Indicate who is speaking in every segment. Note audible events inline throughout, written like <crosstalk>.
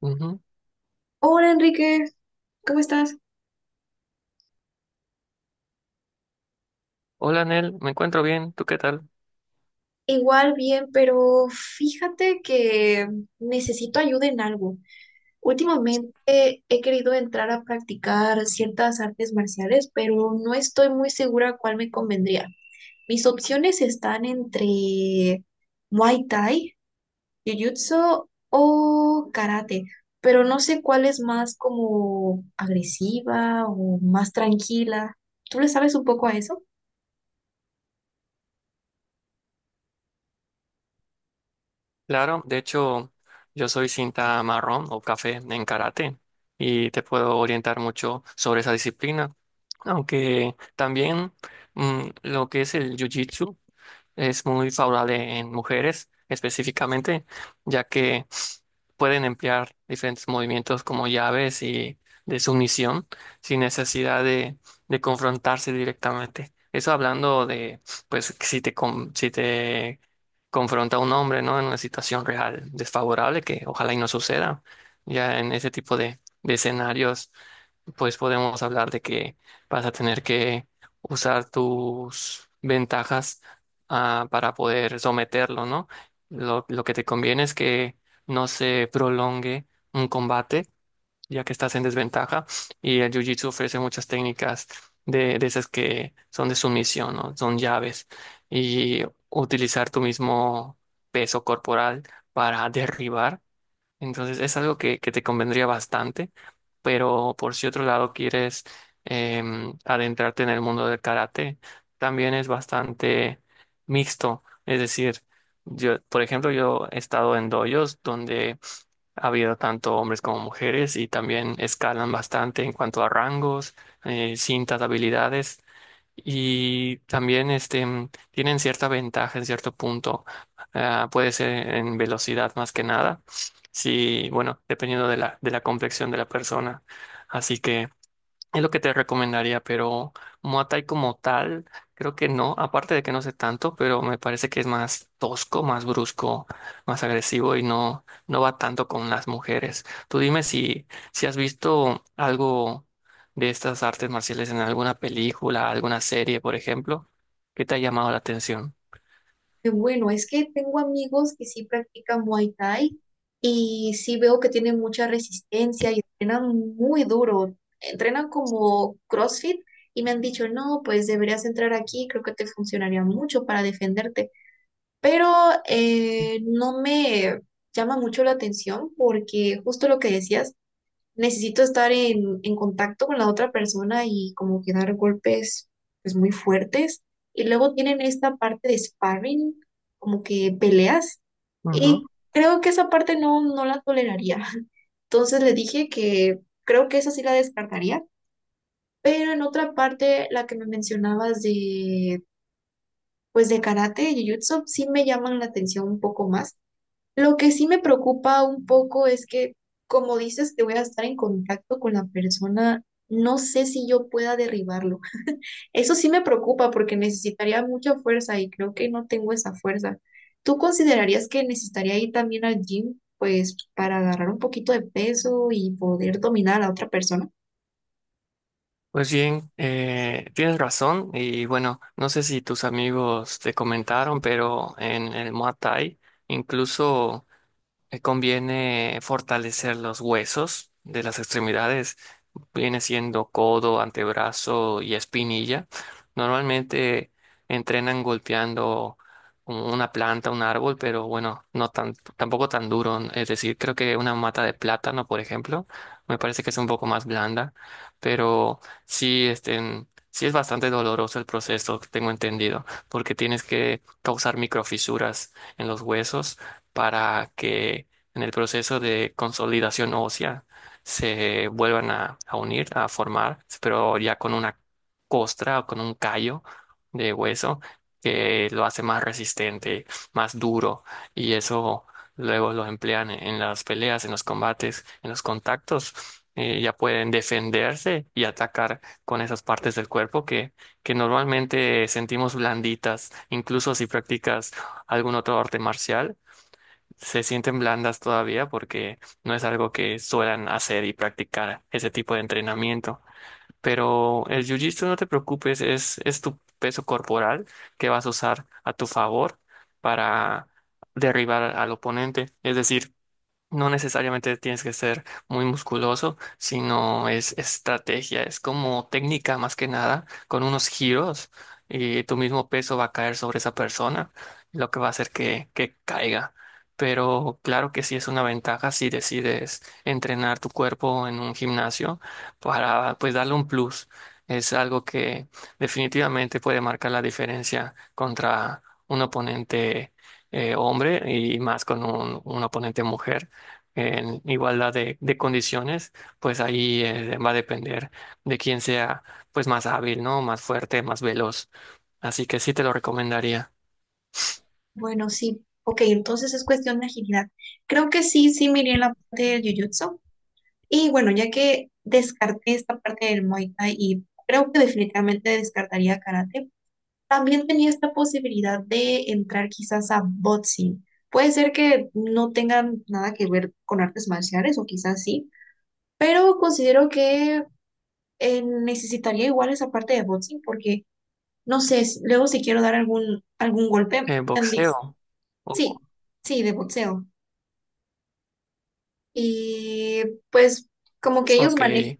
Speaker 1: Ujú.
Speaker 2: Hola Enrique, ¿cómo estás?
Speaker 1: Hola, Nel, me encuentro bien. ¿Tú qué tal?
Speaker 2: Igual bien, pero fíjate que necesito ayuda en algo. Últimamente he querido entrar a practicar ciertas artes marciales, pero no estoy muy segura cuál me convendría. Mis opciones están entre Muay Thai, Jiu-Jitsu o Karate, pero no sé cuál es más como agresiva o más tranquila. ¿Tú le sabes un poco a eso?
Speaker 1: Claro, de hecho, yo soy cinta marrón o café en karate y te puedo orientar mucho sobre esa disciplina. Aunque también lo que es el jiu-jitsu es muy favorable en mujeres específicamente, ya que pueden emplear diferentes movimientos como llaves y de sumisión sin necesidad de confrontarse directamente. Eso hablando de, pues, si te confronta un hombre, ¿no? En una situación real desfavorable, que ojalá y no suceda. Ya en ese tipo de escenarios, pues podemos hablar de que vas a tener que usar tus ventajas para poder someterlo, ¿no? Lo que te conviene es que no se prolongue un combate, ya que estás en desventaja. Y el Jiu-Jitsu ofrece muchas técnicas de esas que son de sumisión, ¿no? Son llaves. Y utilizar tu mismo peso corporal para derribar. Entonces es algo que te convendría bastante, pero por si otro lado quieres adentrarte en el mundo del karate, también es bastante mixto. Es decir, yo, por ejemplo, yo he estado en dojos donde ha habido tanto hombres como mujeres y también escalan bastante en cuanto a rangos, cintas, habilidades y también tienen cierta ventaja en cierto punto. Ah, puede ser en velocidad más que nada. Si bueno, dependiendo de la complexión de la persona. Así que es lo que te recomendaría, pero Muay Thai como tal, creo que no, aparte de que no sé tanto, pero me parece que es más tosco, más brusco, más agresivo y no, no va tanto con las mujeres. Tú dime si, si has visto algo de estas artes marciales en alguna película, alguna serie, por ejemplo, que te ha llamado la atención.
Speaker 2: Qué bueno, es que tengo amigos que sí practican Muay Thai y sí veo que tienen mucha resistencia y entrenan muy duro. Entrenan como CrossFit y me han dicho, no, pues deberías entrar aquí, creo que te funcionaría mucho para defenderte. Pero no me llama mucho la atención porque justo lo que decías, necesito estar en contacto con la otra persona y como que dar golpes pues muy fuertes. Y luego tienen esta parte de sparring, como que peleas.
Speaker 1: Ujú.
Speaker 2: Y creo que esa parte no, no la toleraría. <laughs> Entonces le dije que creo que esa sí la descartaría. Pero en otra parte, la que me mencionabas de, pues de karate y jiu-jitsu, sí me llaman la atención un poco más. Lo que sí me preocupa un poco es que, como dices, que voy a estar en contacto con la persona, no sé si yo pueda derribarlo. Eso sí me preocupa porque necesitaría mucha fuerza y creo que no tengo esa fuerza. ¿Tú considerarías que necesitaría ir también al gym, pues, para agarrar un poquito de peso y poder dominar a la otra persona?
Speaker 1: Pues bien, tienes razón y bueno, no sé si tus amigos te comentaron, pero en el Muay Thai incluso conviene fortalecer los huesos de las extremidades, viene siendo codo, antebrazo y espinilla. Normalmente entrenan golpeando una planta, un árbol, pero bueno, tampoco tan duro, ¿no? Es decir, creo que una mata de plátano, por ejemplo, me parece que es un poco más blanda, pero sí, este, sí es bastante doloroso el proceso, tengo entendido, porque tienes que causar microfisuras en los huesos para que en el proceso de consolidación ósea se vuelvan a unir, a formar, pero ya con una costra o con un callo de hueso que lo hace más resistente, más duro y eso luego lo emplean en las peleas, en los combates, en los contactos. Eh, ya pueden defenderse y atacar con esas partes del cuerpo que normalmente sentimos blanditas, incluso si practicas algún otro arte marcial se sienten blandas todavía porque no es algo que suelan hacer y practicar ese tipo de entrenamiento. Pero el jiu-jitsu, no te preocupes, es tu peso corporal que vas a usar a tu favor para derribar al oponente. Es decir, no necesariamente tienes que ser muy musculoso, sino es estrategia, es como técnica más que nada, con unos giros y tu mismo peso va a caer sobre esa persona, lo que va a hacer que caiga. Pero claro que sí es una ventaja si decides entrenar tu cuerpo en un gimnasio para pues darle un plus. Es algo que definitivamente puede marcar la diferencia contra un oponente hombre y más con un oponente mujer en igualdad de condiciones, pues ahí va a depender de quién sea pues más hábil, ¿no? Más fuerte, más veloz. Así que sí te lo recomendaría.
Speaker 2: Bueno, sí. Ok, entonces es cuestión de agilidad. Creo que sí, sí me iría en la parte del jiu-jitsu. Y bueno, ya que descarté esta parte del Muay Thai y creo que definitivamente descartaría karate, también tenía esta posibilidad de entrar quizás a boxing. Puede ser que no tengan nada que ver con artes marciales o quizás sí, pero considero que necesitaría igual esa parte de boxing porque no sé, luego si quiero dar algún golpe, tal.
Speaker 1: Boxeo. Oh,
Speaker 2: Sí, sí, de boxeo. Y pues como que ellos
Speaker 1: ok.
Speaker 2: manejan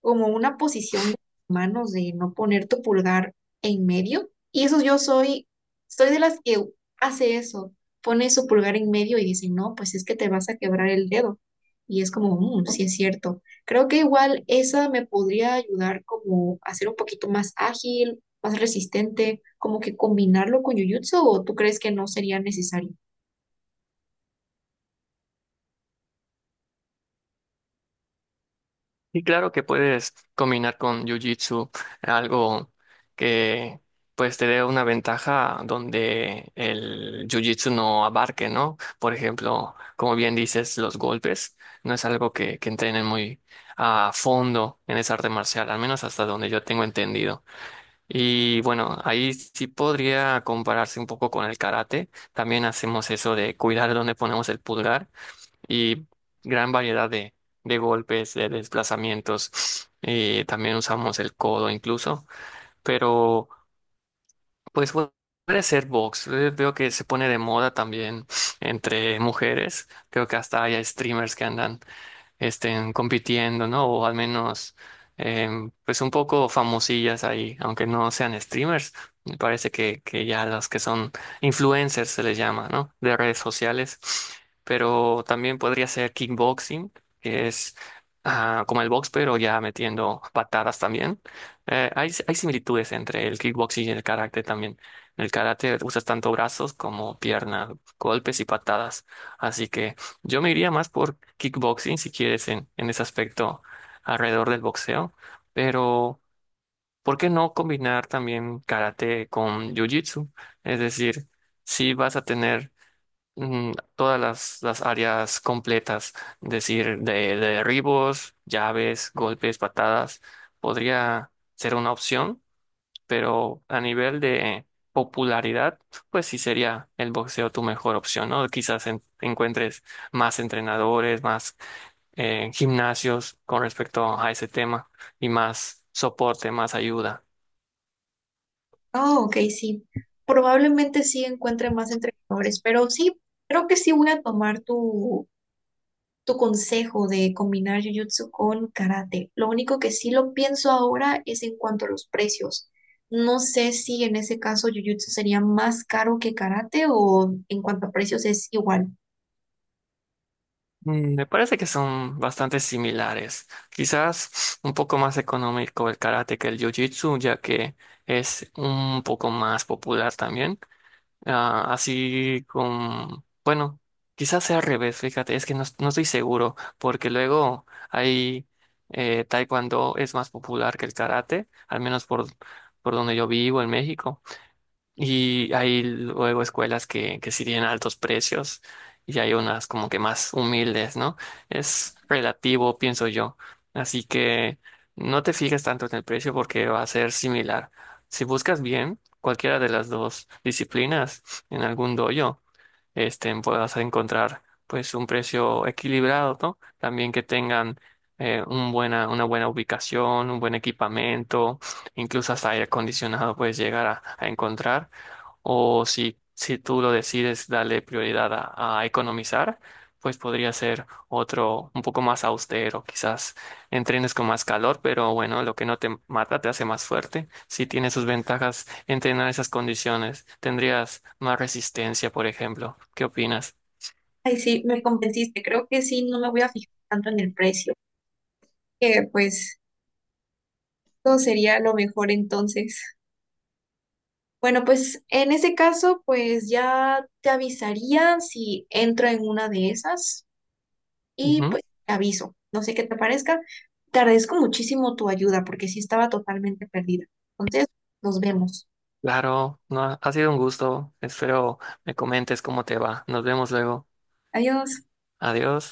Speaker 2: como una posición de manos de no poner tu pulgar en medio. Y eso yo soy, soy de las que hace eso, pone su pulgar en medio y dice, no, pues es que te vas a quebrar el dedo. Y es como, "Mm, sí es cierto. Creo que igual esa me podría ayudar como a ser un poquito más ágil, más resistente, como que combinarlo con Jujutsu, o tú crees que no sería necesario".
Speaker 1: Y claro que puedes combinar con Jiu-Jitsu algo que pues te dé una ventaja donde el Jiu-Jitsu no abarque, ¿no? Por ejemplo, como bien dices, los golpes no es algo que entrenen muy a fondo en esa arte marcial, al menos hasta donde yo tengo entendido. Y bueno, ahí sí podría compararse un poco con el karate. También hacemos eso de cuidar dónde ponemos el pulgar y gran variedad de golpes, de desplazamientos. <sniffs> También usamos el codo incluso, pero pues pu- puede ser box. Veo que se pone de moda también <sniffs> entre mujeres. Creo que hasta hay streamers que andan estén compitiendo, ¿no? O al menos, pues un poco famosillas ahí, aunque no sean streamers. Me parece que ya las que son influencers se les llama, ¿no? De redes sociales. Pero también podría ser kickboxing, que es como el box, pero ya metiendo patadas también. Hay similitudes entre el kickboxing y el karate también. En el karate usas tanto brazos como piernas, golpes y patadas. Así que yo me iría más por kickboxing, si quieres, en ese aspecto alrededor del boxeo, pero ¿por qué no combinar también karate con jiu-jitsu? Es decir, si vas a tener todas las áreas completas, es decir, de derribos, llaves, golpes, patadas, podría ser una opción pero a nivel de popularidad, pues sí sería el boxeo tu mejor opción, ¿no? Quizás encuentres más entrenadores, más gimnasios con respecto a ese tema y más soporte, más ayuda.
Speaker 2: Oh, ok, sí. Probablemente sí encuentre más entrenadores, pero sí, creo que sí voy a tomar tu consejo de combinar jiu jitsu con karate. Lo único que sí lo pienso ahora es en cuanto a los precios. No sé si en ese caso jiu jitsu sería más caro que karate o en cuanto a precios es igual.
Speaker 1: Mm, me parece que son bastante similares. Quizás un poco más económico el karate que el jiu-jitsu, ya que es un poco más popular también. Ah, así con, bueno, quizás sea al revés, fíjate, es que no, no estoy seguro, porque luego hay taekwondo es más popular que el karate, al menos por donde yo vivo en México. Y hay luego escuelas que sí tienen altos precios y hay unas como que más humildes, ¿no? Es relativo, pienso yo. Así que no te fijes tanto en el precio porque va a ser similar. Si buscas bien cualquiera de las dos disciplinas en algún dojo, este, puedas encontrar pues un precio equilibrado, ¿no? También que tengan un una buena ubicación, un buen equipamiento, incluso hasta aire acondicionado puedes llegar a encontrar o si, si tú lo decides darle prioridad a economizar, pues podría ser otro un poco más austero. Quizás entrenes con más calor, pero bueno, lo que no te mata te hace más fuerte. Si tiene sus ventajas entrenar esas condiciones. Tendrías más resistencia, por ejemplo. ¿Qué opinas?
Speaker 2: Ay, sí, me convenciste. Creo que sí, no me voy a fijar tanto en el precio. Que pues todo sería lo mejor entonces. Bueno, pues en ese caso, pues ya te avisaría si entro en una de esas. Y
Speaker 1: Ujú.
Speaker 2: pues te aviso, no sé qué te parezca. Te agradezco muchísimo tu ayuda porque sí estaba totalmente perdida. Entonces, nos vemos.
Speaker 1: Claro, no, ha sido un gusto. Espero me comentes cómo te va. Nos vemos luego.
Speaker 2: Adiós.
Speaker 1: Adiós.